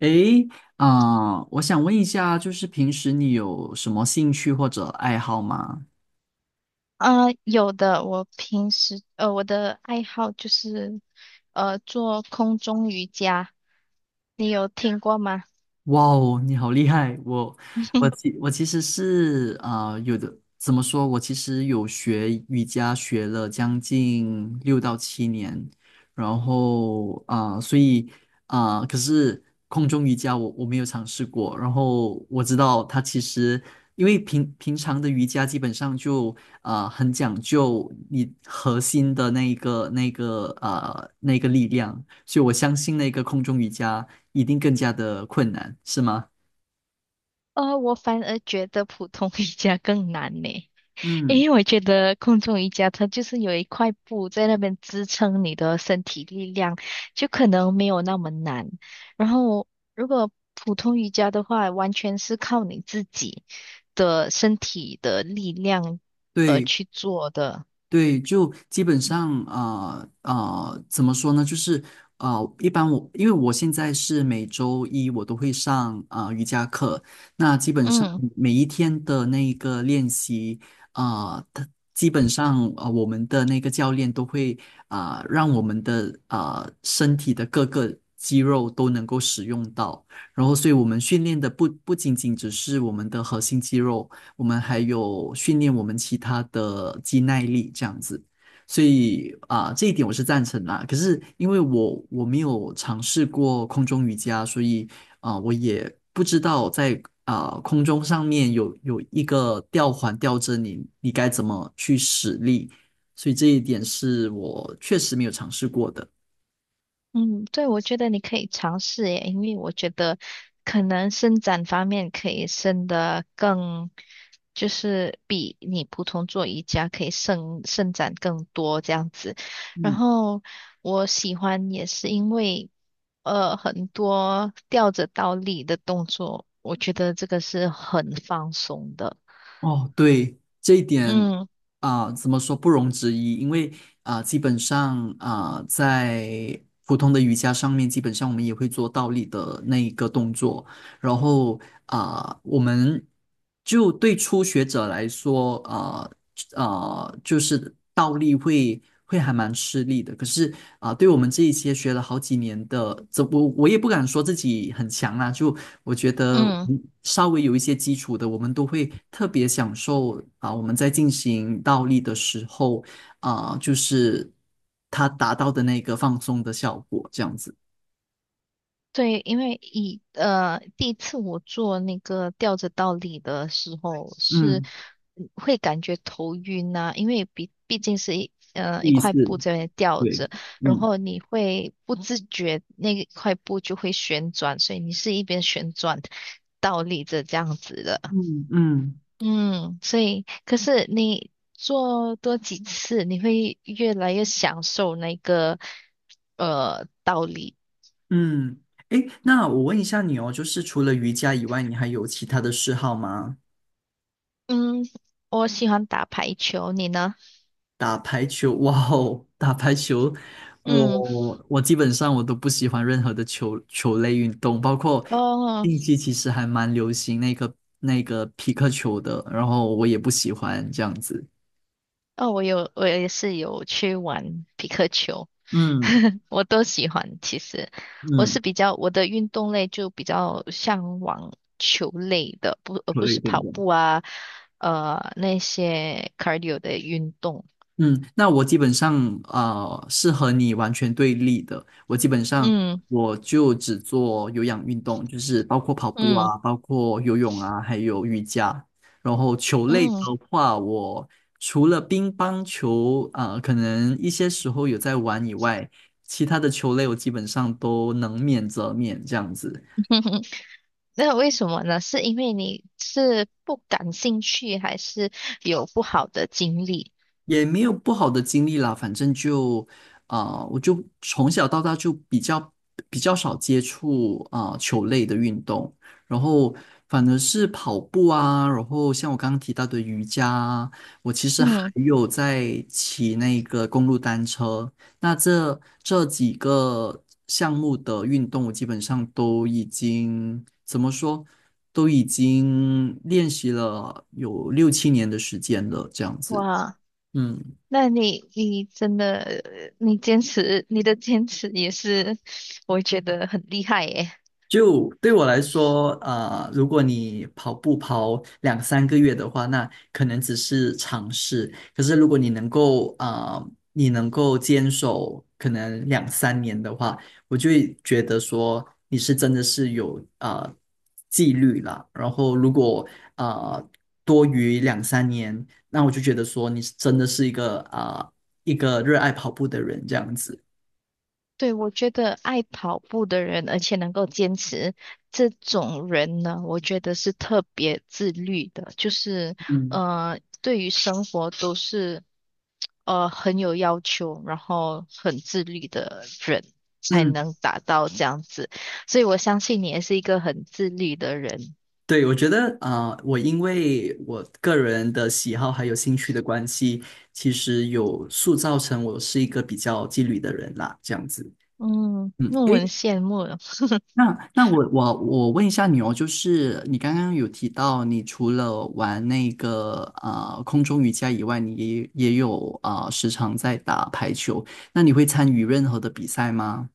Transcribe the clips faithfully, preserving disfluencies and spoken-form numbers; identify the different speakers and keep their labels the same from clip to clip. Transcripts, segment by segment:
Speaker 1: 诶，啊、我想问一下，就是平时你有什么兴趣或者爱好吗？
Speaker 2: 啊、有的，我平时呃，我的爱好就是呃做空中瑜伽，你有听过吗？
Speaker 1: 哇哦，你好厉害！我我 其我其实是啊、呃有的，怎么说？我其实有学瑜伽，学了将近六到七年，然后啊、呃所以啊、呃可是空中瑜伽我我没有尝试过。然后我知道它其实因为平平常的瑜伽基本上就啊、呃很讲究你核心的那一个那个啊那个力量。所以我相信那个空中瑜伽一定更加的困难，是吗？
Speaker 2: 呃，我反而觉得普通瑜伽更难呢，
Speaker 1: 嗯，
Speaker 2: 因为我觉得空中瑜伽它就是有一块布在那边支撑你的身体力量，就可能没有那么难。然后如果普通瑜伽的话，完全是靠你自己的身体的力量呃
Speaker 1: 对，
Speaker 2: 去做的，
Speaker 1: 对，就基本上呃呃，怎么说呢？就是呃，一般我因为我现在是每周一我都会上呃瑜伽课，那基本上
Speaker 2: 嗯。
Speaker 1: 每一天的那一个练习，呃，它基本上呃我们的那个教练都会啊、呃让我们的啊身体的各个肌肉都能够使用到，然后所以我们训练的不不仅仅只是我们的核心肌肉。我们还有训练我们其他的肌耐力这样子。所以啊、这一点我是赞成啦。可是因为我我没有尝试过空中瑜伽，所以啊、我也不知道在啊、空中上面有有一个吊环吊着你，你该怎么去使力。所以这一点是我确实没有尝试过的。
Speaker 2: 嗯，对，我觉得你可以尝试耶，因为我觉得可能伸展方面可以伸得更，就是比你普通做瑜伽可以伸伸展更多这样子。然
Speaker 1: 嗯。
Speaker 2: 后我喜欢也是因为，呃，很多吊着倒立的动作，我觉得这个是很放松的。
Speaker 1: 哦，对，这一点
Speaker 2: 嗯
Speaker 1: 啊，怎么说不容置疑？因为啊，基本上啊，在普通的瑜伽上面，基本上我们也会做倒立的那一个动作。然后啊，我们就对初学者来说，啊，呃，就是倒立会会还蛮吃力的。可是啊、对我们这一些学了好几年的，这我我也不敢说自己很强啊，就我觉得
Speaker 2: 嗯。
Speaker 1: 嗯稍微有一些基础的，我们都会特别享受啊、我们在进行倒立的时候啊、就是它达到的那个放松的效果，这样子。
Speaker 2: 对，因为以呃第一次我做那个吊着倒立的时候是
Speaker 1: 嗯，
Speaker 2: 嗯会感觉头晕呐、因为毕毕竟是一呃一
Speaker 1: 意
Speaker 2: 块
Speaker 1: 思，
Speaker 2: 布在那吊
Speaker 1: 对，
Speaker 2: 着，然
Speaker 1: 嗯
Speaker 2: 后你会不自觉那一块布就会旋转，所以你是一边旋转倒立着这样子的。
Speaker 1: 嗯嗯。
Speaker 2: 嗯，所以可是你做多几次，你会越来越享受那个呃倒立。
Speaker 1: 嗯，诶，那我问一下你哦，就是除了瑜伽以外，你还有其他的嗜好吗？
Speaker 2: 嗯，我喜欢打排球，你呢？
Speaker 1: 打排球，哇哦，打排球，
Speaker 2: 嗯，
Speaker 1: 我我基本上我都不喜欢任何的球球类运动，包括
Speaker 2: 哦
Speaker 1: 近期其实还蛮流行那个那个皮克球的，然后我也不喜欢这样子。
Speaker 2: 哦，我有，我也是有去玩匹克球，
Speaker 1: 嗯
Speaker 2: 我都喜欢。其实我
Speaker 1: 嗯，
Speaker 2: 是比较我的运动类就比较向往球类的，不而
Speaker 1: 球
Speaker 2: 不
Speaker 1: 类
Speaker 2: 是
Speaker 1: 运
Speaker 2: 跑
Speaker 1: 动。
Speaker 2: 步啊，呃那些 cardio 的运动。
Speaker 1: 嗯，那我基本上呃是和你完全对立的。我基本上
Speaker 2: 嗯
Speaker 1: 我就只做有氧运动，就是包括跑步
Speaker 2: 嗯
Speaker 1: 啊，包括游泳啊，还有瑜伽。然后球类的
Speaker 2: 嗯，
Speaker 1: 话，我除了乒乓球，呃，可能一些时候有在玩以外，其他的球类我基本上都能免则免这样子。
Speaker 2: 那为什么呢？是因为你是不感兴趣，还是有不好的经历？
Speaker 1: 也没有不好的经历啦，反正就啊、呃我就从小到大就比较比较少接触啊、呃球类的运动，然后反而是跑步啊，然后像我刚刚提到的瑜伽啊，我其实还
Speaker 2: 嗯，
Speaker 1: 有在骑那个公路单车，那这这几个项目的运动，我基本上都已经怎么说？都已经练习了有六七年的时间了，这样子。
Speaker 2: 哇。
Speaker 1: 嗯，
Speaker 2: 那你你真的，你坚持，你的坚持也是，我觉得很厉害耶。
Speaker 1: 就对我来说，啊、如果你跑步跑两三个月的话，那可能只是尝试。可是如果你能够啊、你能够坚守可能两三年的话，我就会觉得说你是真的是有啊、纪律啦。然后如果啊、多于两三年，那我就觉得说你是真的是一个啊、一个热爱跑步的人这样子。
Speaker 2: 对，我觉得爱跑步的人，而且能够坚持这种人呢，我觉得是特别自律的，就是
Speaker 1: 嗯
Speaker 2: 呃，对于生活都是呃很有要求，然后很自律的人才
Speaker 1: 嗯。
Speaker 2: 能达到这样子。所以我相信你也是一个很自律的人。
Speaker 1: 对，我觉得啊、呃我因为我个人的喜好还有兴趣的关系，其实有塑造成我是一个比较纪律的人啦，这样子。
Speaker 2: 嗯，
Speaker 1: 嗯，
Speaker 2: 那我很
Speaker 1: 诶，
Speaker 2: 羡慕。
Speaker 1: 那那我我我问一下你哦，就是你刚刚有提到，你除了玩那个啊空中瑜伽以外，你也也有啊、呃时常在打排球，那你会参与任何的比赛吗？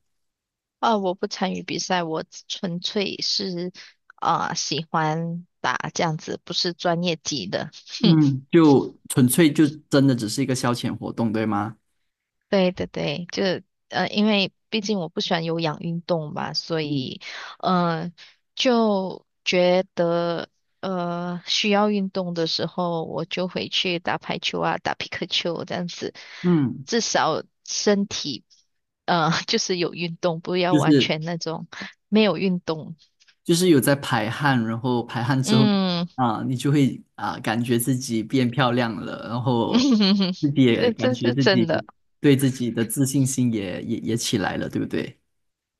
Speaker 2: 啊，我不参与比赛，我只纯粹是啊、喜欢打这样子，不是专业级的。
Speaker 1: 嗯，就纯粹就真的只是一个消遣活动，对吗？
Speaker 2: 对对对，就呃，因为毕竟我不喜欢有氧运动嘛，所
Speaker 1: 嗯
Speaker 2: 以嗯，就觉得呃需要运动的时候，我就回去打排球啊，打皮克球这样子，
Speaker 1: 嗯。
Speaker 2: 至少身体呃 就是有运动，不要
Speaker 1: 就
Speaker 2: 完
Speaker 1: 是
Speaker 2: 全那种没有运动。
Speaker 1: 就是有在排汗，然后排汗之后
Speaker 2: 嗯。
Speaker 1: 啊，你就会啊感觉自己变漂亮了，然
Speaker 2: 嗯
Speaker 1: 后
Speaker 2: 哼哼，
Speaker 1: 自己也
Speaker 2: 这
Speaker 1: 感
Speaker 2: 这
Speaker 1: 觉
Speaker 2: 是
Speaker 1: 自
Speaker 2: 真
Speaker 1: 己
Speaker 2: 的，
Speaker 1: 对自己的自信心也也也起来了，对不对？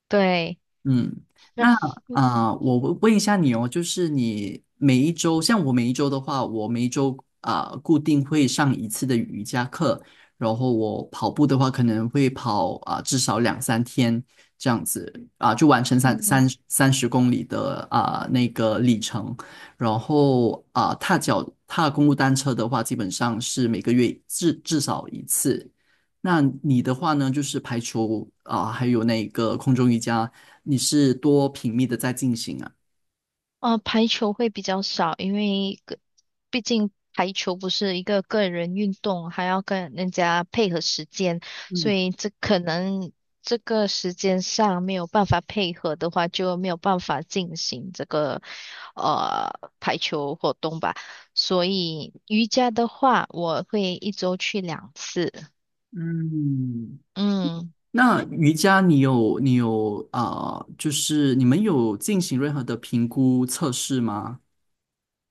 Speaker 2: 对。
Speaker 1: 嗯，
Speaker 2: 那
Speaker 1: 那啊、呃我问问一下你哦，就是你每一周，像我每一周的话，我每一周啊、呃固定会上一次的瑜伽课，然后我跑步的话，可能会跑啊、至少两三天这样子啊、就完成三
Speaker 2: 嗯，
Speaker 1: 三三十公里的啊、那个里程，然后啊、踏脚踏公路单车的话，基本上是每个月至至少一次。那你的话呢，就是排除啊、还有那个空中瑜伽。你是多频密的在进行啊？
Speaker 2: 哦，排球会比较少，因为个毕竟排球不是一个个人运动，还要跟人家配合时间，所
Speaker 1: 嗯
Speaker 2: 以这可能这个时间上没有办法配合的话，就没有办法进行这个呃排球活动吧。所以瑜伽的话，我会一周去两次。
Speaker 1: 嗯，
Speaker 2: 嗯。
Speaker 1: 那瑜伽你有你有啊、呃就是你们有进行任何的评估测试吗？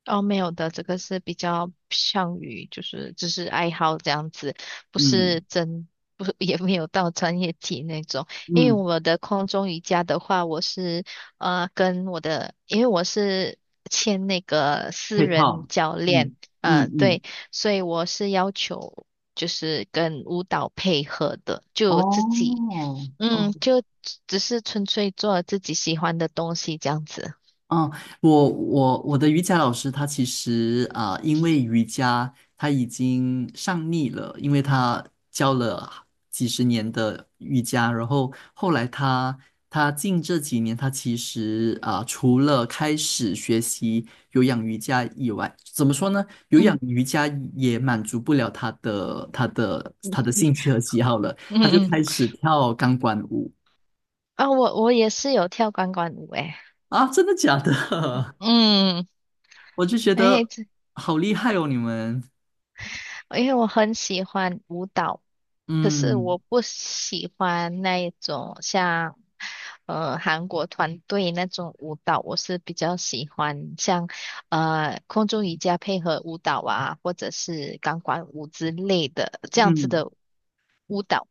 Speaker 2: 哦，没有的，这个是比较像于就是只是爱好这样子，不是
Speaker 1: 嗯
Speaker 2: 真不是 也没有到专业级那种。因为
Speaker 1: 嗯，
Speaker 2: 我的空中瑜伽的话，我是呃跟我的，因为我是签那个私
Speaker 1: 配
Speaker 2: 人
Speaker 1: 套，
Speaker 2: 教练，
Speaker 1: 嗯嗯
Speaker 2: 呃
Speaker 1: 嗯，
Speaker 2: 对，所以我是要求就是跟舞蹈配合的，就自己
Speaker 1: 哦哦
Speaker 2: 嗯就只只是纯粹做自己喜欢的东西这样子。
Speaker 1: 嗯，我我我的瑜伽老师他其实啊、呃因为瑜伽他已经上腻了，因为他教了几十年的瑜伽，然后后来他他近这几年他其实啊、呃除了开始学习有氧瑜伽以外，怎么说呢？有氧
Speaker 2: 嗯
Speaker 1: 瑜伽也满足不了他的他的他的兴趣和喜好了，
Speaker 2: 嗯
Speaker 1: 他就
Speaker 2: 嗯。
Speaker 1: 开始跳钢管舞。
Speaker 2: 啊，我我也是有跳钢管舞诶，
Speaker 1: 啊，真的假的？
Speaker 2: 嗯，
Speaker 1: 我就觉
Speaker 2: 诶，
Speaker 1: 得
Speaker 2: 这
Speaker 1: 好厉害哦，你们，
Speaker 2: 因为我很喜欢舞蹈，可是
Speaker 1: 嗯
Speaker 2: 我不喜欢那一种像呃韩国团队那种舞蹈，我是比较喜欢像呃空中瑜伽配合舞蹈啊，或者是钢管舞之类的这样子
Speaker 1: 嗯
Speaker 2: 的舞蹈。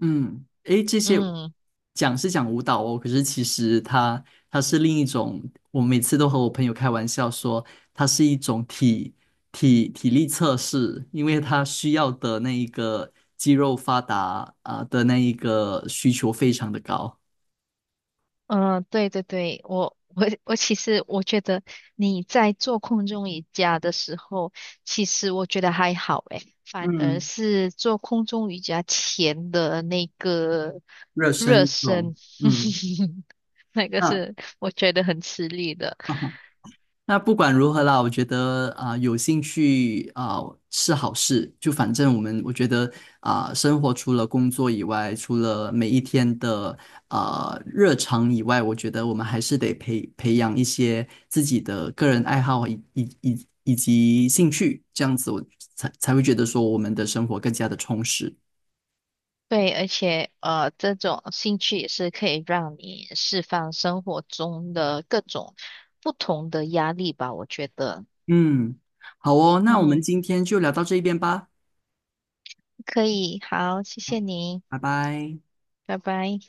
Speaker 1: 嗯，诶，这些
Speaker 2: 嗯。
Speaker 1: 讲是讲舞蹈哦，可是其实它它是另一种，我每次都和我朋友开玩笑说，它是一种体体体力测试，因为它需要的那一个肌肉发达啊、的那一个需求非常的高，
Speaker 2: 嗯，对对对，我我我其实我觉得你在做空中瑜伽的时候，其实我觉得还好诶，反而
Speaker 1: 嗯，
Speaker 2: 是做空中瑜伽前的那个
Speaker 1: 热身
Speaker 2: 热
Speaker 1: 运动，
Speaker 2: 身，
Speaker 1: 嗯，
Speaker 2: 那个
Speaker 1: 哈。
Speaker 2: 是我觉得很吃力的。
Speaker 1: 啊那不管如何啦，我觉得啊、有兴趣啊、是好事。就反正我们，我觉得啊、生活除了工作以外，除了每一天的啊、日常以外，我觉得我们还是得培培养一些自己的个人爱好以以以以及兴趣，这样子我才才会觉得说我们的生活更加的充实。
Speaker 2: 对，而且呃，这种兴趣也是可以让你释放生活中的各种不同的压力吧，我觉得。
Speaker 1: 嗯，好哦，那我们
Speaker 2: 嗯，
Speaker 1: 今天就聊到这一边吧，
Speaker 2: 可以，好，谢谢您。
Speaker 1: 拜拜。
Speaker 2: 拜拜。